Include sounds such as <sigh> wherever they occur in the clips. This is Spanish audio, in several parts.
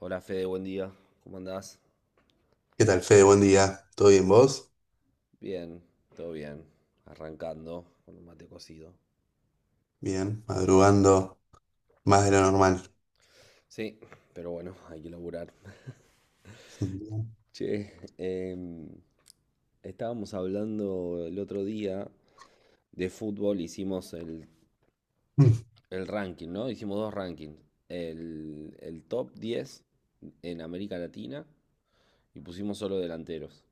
Hola Fede, buen día. ¿Cómo andás? ¿Qué tal, Fede? Buen día. ¿Todo bien vos? Bien, todo bien. Arrancando con un mate cocido. Bien, madrugando más de lo normal. Sí, pero bueno, <laughs> hay que laburar. <laughs> <laughs> Che, em, estábamos hablando el otro día de fútbol, hicimos el, Mm. el ranking, ¿no? Hicimos dos rankings. El top 10 en América Latina y pusimos solo delanteros.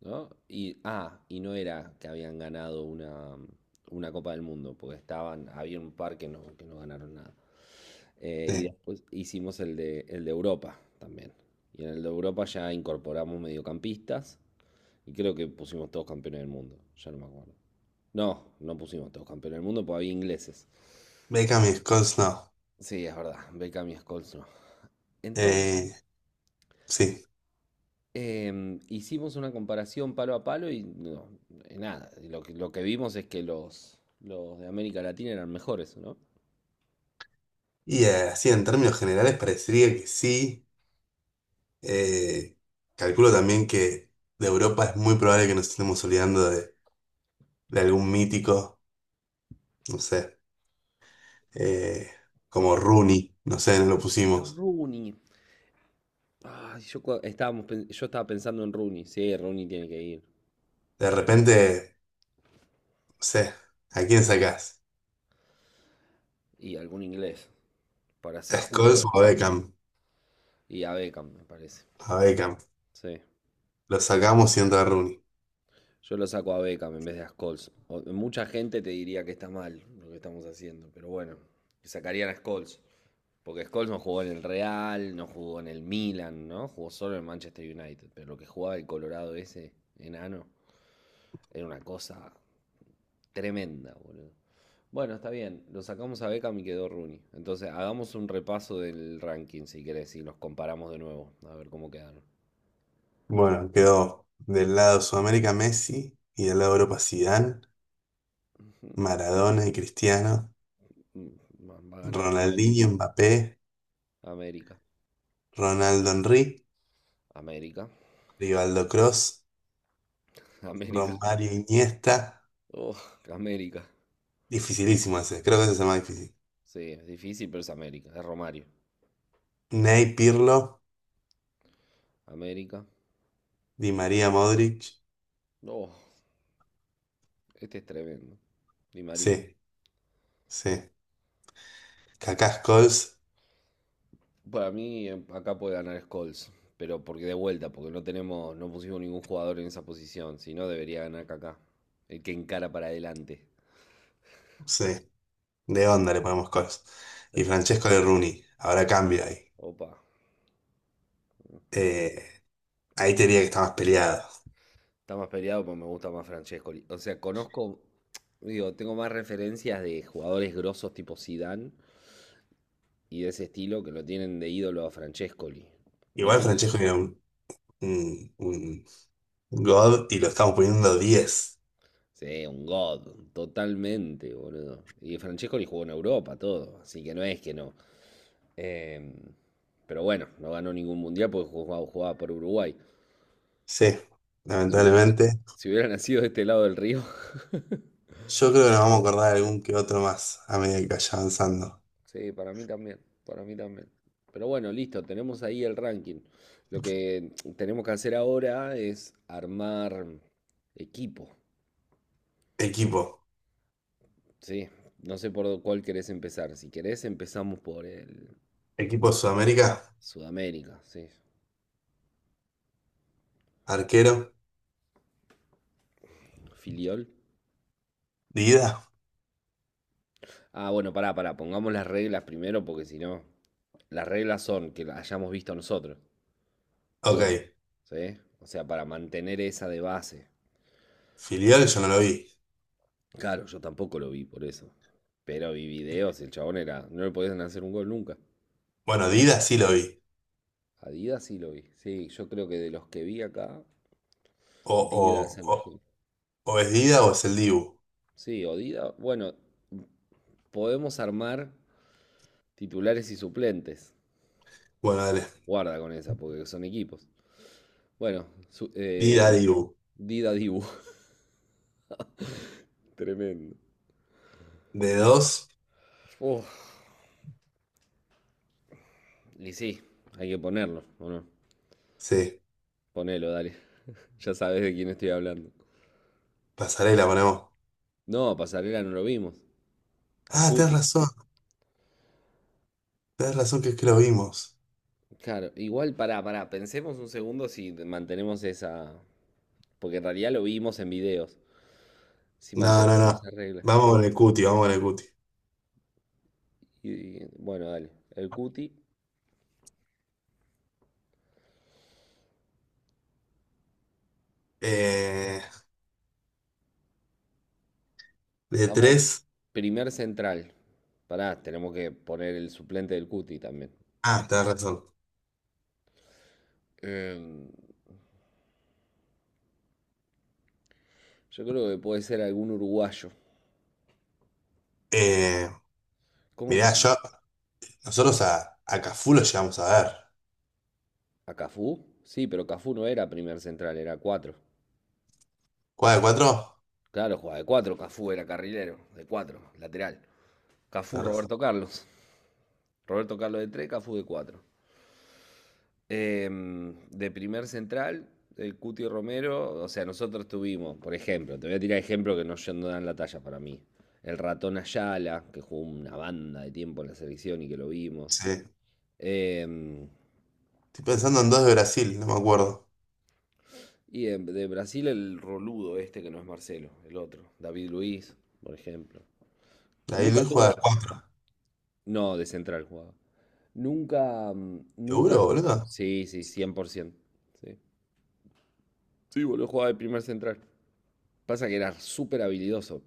¿No? Y no era que habían ganado una Copa del Mundo, porque estaban, había un par que no, ganaron nada. Y Sí. después hicimos el de Europa también. Y en el de Europa ya incorporamos mediocampistas y creo que pusimos todos campeones del mundo, ya no me acuerdo. No, no pusimos todos campeones del mundo porque había ingleses. Beckham y Scholes no. Sí, es verdad, Beckham y Scholes no. Entonces, Eh, sí. Hicimos una comparación palo a palo y no, nada, lo que vimos es que los de América Latina eran mejores, ¿no? Y así en términos generales parecería que sí. Eh, calculo también que de Europa es muy probable que nos estemos olvidando de algún mítico, no sé, eh, como Probablemente. Rooney, no sé, no lo pusimos. Rooney. Ay, yo estaba pensando en Rooney. Sí, Rooney tiene que ir. De repente, no sé, ¿a quién sacás? Y algún inglés, para ¿A ser Scholes o justo. a Beckham? Y a Beckham, me parece. A Beckham. Sí. Lo sacamos y entra Rooney. Yo lo saco a Beckham en vez de a Scholes. Mucha gente te diría que está mal lo que estamos haciendo, pero bueno, sacarían a Scholes. Porque Scholes no jugó en el Real, no jugó en el Milan, ¿no? Jugó solo en Manchester United. Pero lo que jugaba el Colorado ese, enano, era una cosa tremenda, boludo. Bueno, está bien, lo sacamos a Beckham y quedó Rooney. Entonces, hagamos un repaso del ranking, si querés, y los comparamos de nuevo, a ver cómo quedaron. Bueno, quedó del lado Sudamérica Messi, y del lado Europa Zidane, <laughs> Maradona y Cristiano, Mm, va ganando Ronaldinho Mbappé, América. Ronaldo Henry, América. Rivaldo Cross, <laughs> América. Romario Iniesta. Oh, América. Dificilísimo ese, creo que ese es el más difícil. Sí, es difícil, pero es América. Es Romario. Ney Pirlo, América. Di María Modric. Oh, este es tremendo. Di María. Sí, sí. Kaká Scholes. Para mí, acá puede ganar Scholes. Pero porque de vuelta, porque no tenemos, no pusimos ningún jugador en esa posición. Si no, debería ganar Kaká. El que encara para adelante. Sí, de onda le ponemos Scholes. Y Sí. Francesco de Rooney. Ahora cambio ahí. Opa. Eh, ahí te diría que está más peleado. Está más peleado, pero me gusta más Francescoli. O sea, conozco, digo, tengo más referencias de jugadores grosos tipo Zidane y de ese estilo que lo tienen de ídolo a Francescoli. No Igual tengo. Francesco era un God, y lo estamos poniendo 10. Sí, un god, totalmente, boludo. Y Francesco le jugó en Europa, todo, así que no es que no. Eh, pero bueno, no ganó ningún mundial porque jugaba por Uruguay. Sí, Si hubieran, lamentablemente. si hubiera nacido de este lado del río. <laughs> Yo creo que nos vamos a acordar de algún que otro más a medida que vaya avanzando. Sí, para mí también, para mí también. Pero bueno, listo, tenemos ahí el ranking. Lo que tenemos que hacer ahora es armar equipo, Equipo. ¿sí? No sé por cuál querés empezar. Si querés, empezamos por el Equipo Sudamérica. Sudamérica, ¿sí? Arquero. Filiol. Dida. Ah, bueno, pará, pará, pongamos las reglas primero porque si no, las reglas son que las hayamos visto nosotros, el bueno, Ok. ¿sí? O sea, para mantener esa de base. Filial yo no lo vi. Claro, yo tampoco lo vi por eso. Pero vi videos, el chabón era, no le podían hacer un gol nunca. Bueno, Una. Dida sí lo vi. Adidas sí lo vi. Sí, yo creo que de los que vi acá, O, Dida es el o, mejor. o es Dida o es el Dibu. Sí, o Dida, bueno, podemos armar titulares y suplentes. Bueno, dale. Guarda con esa, porque son equipos. Bueno, Dida, Dibu. Dida Dibu. <laughs> Tremendo. De dos. Uf, y sí, hay que ponerlo, ¿o no? Sí. Ponelo, dale. <laughs> Ya sabes de quién estoy hablando. Pasarela ponemos. No, Pasarela no lo vimos. Al Ah, tenés Cuti. razón. Tenés razón que es que lo vimos. Claro, igual pará, pará, pensemos un segundo si mantenemos esa. Porque en realidad lo vimos en videos. Si No, no, mantenemos no. esas reglas. Vamos con el cuti, vamos con el cuti. Y, y, bueno, dale. El Cuti. Eh, De Estamos tres. primer central. Pará, tenemos que poner el suplente del Cuti también. Ah, tenés razón. Em, Yo creo que puede ser algún uruguayo. Eh, ¿Cómo se mirá, llama? yo, nosotros a Cafú lo llegamos a ver. ¿A Cafú? Sí, pero Cafú no era primer central, era cuatro. ¿Cuál de cuatro? Claro, jugaba de cuatro, Cafú era carrilero, de cuatro, lateral. Cafú, Tenés razón. Roberto Carlos. Roberto Carlos de tres, Cafú de cuatro. De primer central, el Cuti Romero, o sea, nosotros tuvimos, por ejemplo, te voy a tirar ejemplos que no dan la talla para mí. El ratón Ayala, que jugó una banda de tiempo en la selección y que lo vimos. Sí. Em, Estoy pensando en dos de Brasil, no me acuerdo. Y de Brasil el roludo este que no es Marcelo, el otro, David Luiz, por ejemplo. La de Nunca Luis juega de tuvo, cuatro. no, de central jugaba. Nunca, ¿Seguro, boludo? sí, sí, 100%. Sí, sí boludo, jugaba de primer central. Pasa que era súper habilidoso.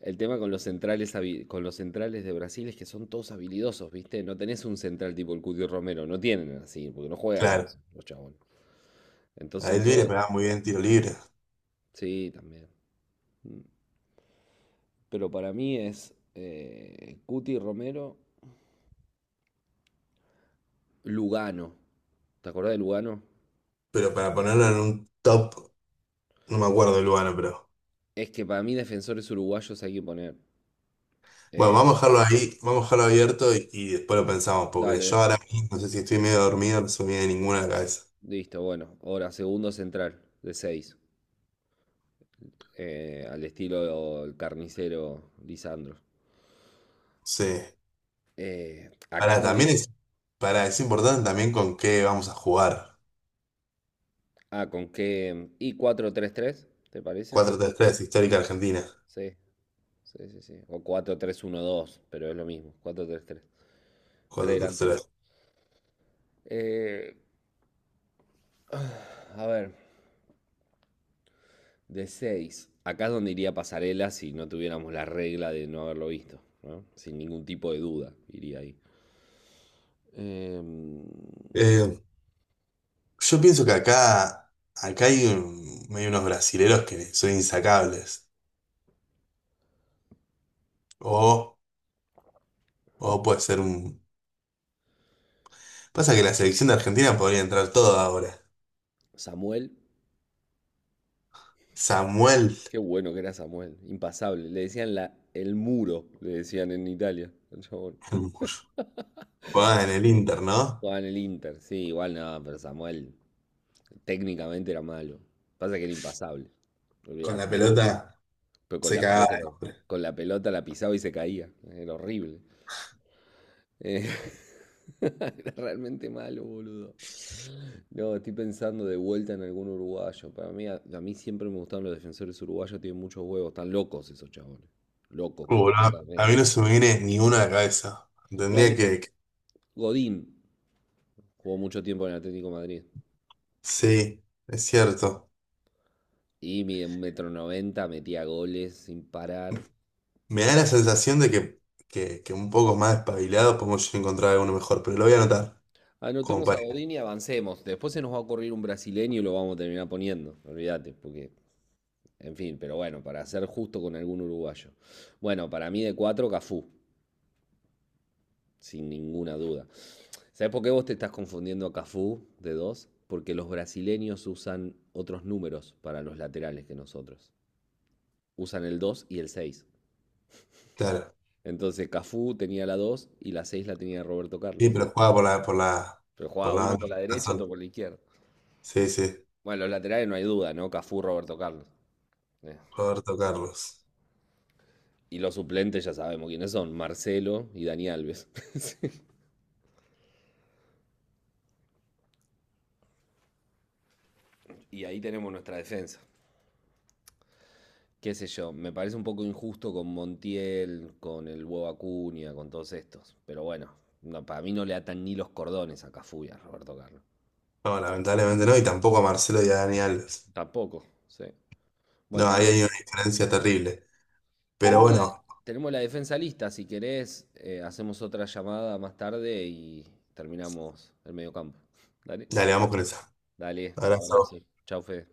El tema con los centrales, con los centrales de Brasil es que son todos habilidosos, ¿viste? No tenés un central tipo el Cuti Romero, no tienen así, porque no juegan a eso, Claro. los chabones. Entonces La de son Luis le todos, pegaba muy bien tiro libre. sí, también. Pero para mí es Cuti Romero, Lugano. ¿Te acordás de Lugano? Pero para ponerlo en un top, no me acuerdo el lugar, pero. Es que para mí defensores uruguayos hay que poner. Bueno, Eh, vamos a dejarlo ahí, vamos a dejarlo abierto y después lo pensamos, porque yo dale, ahora mismo no sé si estoy medio dormido, no se me viene ninguna a la cabeza. listo, bueno. Ahora, segundo central de 6, al estilo el carnicero Lisandro. Sí. Acá Para, es donde. también es, para, es importante también con qué vamos a jugar. Ah, con qué. Y 4-3-3, ¿te parece? 4-3-3 histórica Argentina. Sí, sí, sí, sí. O 4-3-1-2, pero es lo mismo. 4-3-3. Tres cuatro tres delanteros. tres Eh, a ver, de seis. Acá es donde iría Pasarela si no tuviéramos la regla de no haberlo visto. ¿No? Sin ningún tipo de duda, iría ahí. Em, Eh, yo pienso que acá hay unos brasileros que son insacables. O, o puede ser un. Pasa que la selección de Argentina podría entrar todo ahora. Samuel. Samuel. Qué bueno que era Samuel. Impasable. Le decían el muro, le decían en Italia. Al <laughs> jugaba en el Inter, ¿no? Jugaba en el Inter. Sí, igual no, pero Samuel técnicamente era malo. Pasa que era impasable. Con la Olvídate. pelota Pero se cagaba. con la pelota la pisaba y se caía. Era horrible. Eh, <laughs> Era realmente malo, boludo. No, estoy pensando de vuelta en algún uruguayo. Para mí, a mí siempre me gustaron los defensores uruguayos, tienen muchos huevos, están locos esos chabones. Locos Boludo, a mí completamente. no se me viene ni una a la cabeza. No, Tendría que... que- Godín jugó mucho tiempo en el Atlético de Madrid. Sí, es cierto. Y mide un metro noventa, metía goles sin parar. Me da la sensación de que un poco más espabilado podemos encontrar alguno mejor, pero lo voy a anotar, como Anotemos a para. Godín y avancemos. Después se nos va a ocurrir un brasileño y lo vamos a terminar poniendo. Olvídate, porque, en fin, pero bueno, para ser justo con algún uruguayo. Bueno, para mí de cuatro, Cafú, sin ninguna duda. ¿Sabes por qué vos te estás confundiendo a Cafú de dos? Porque los brasileños usan otros números para los laterales que nosotros. Usan el 2 y el seis. Claro. Entonces Cafú tenía la 2 y la 6 la tenía Roberto Sí, Carlos. pero juega Pero jugaba por la uno banda por de la derecha, otro Corazón. por la izquierda. Sí, sí. Bueno, los laterales no hay duda, ¿no? Cafú, Roberto Carlos. Eh. Roberto Carlos. Y los suplentes ya sabemos quiénes son, Marcelo y Dani Alves. <laughs> Y ahí tenemos nuestra defensa. Qué sé yo, me parece un poco injusto con Montiel, con el huevo Acuña, con todos estos. Pero bueno, no, para mí no le atan ni los cordones a Cafú y a Roberto Carlos. No, lamentablemente no, y tampoco a Marcelo y a Dani Alves. Tampoco, sí. Bueno, No, ahí hay una diferencia terrible. Pero tenemos la, bueno, tenemos la defensa lista. Si querés, hacemos otra llamada más tarde y terminamos el mediocampo. Dale, dale, vamos con esa. dale, abrazo. Abrazo. Chau, Fede.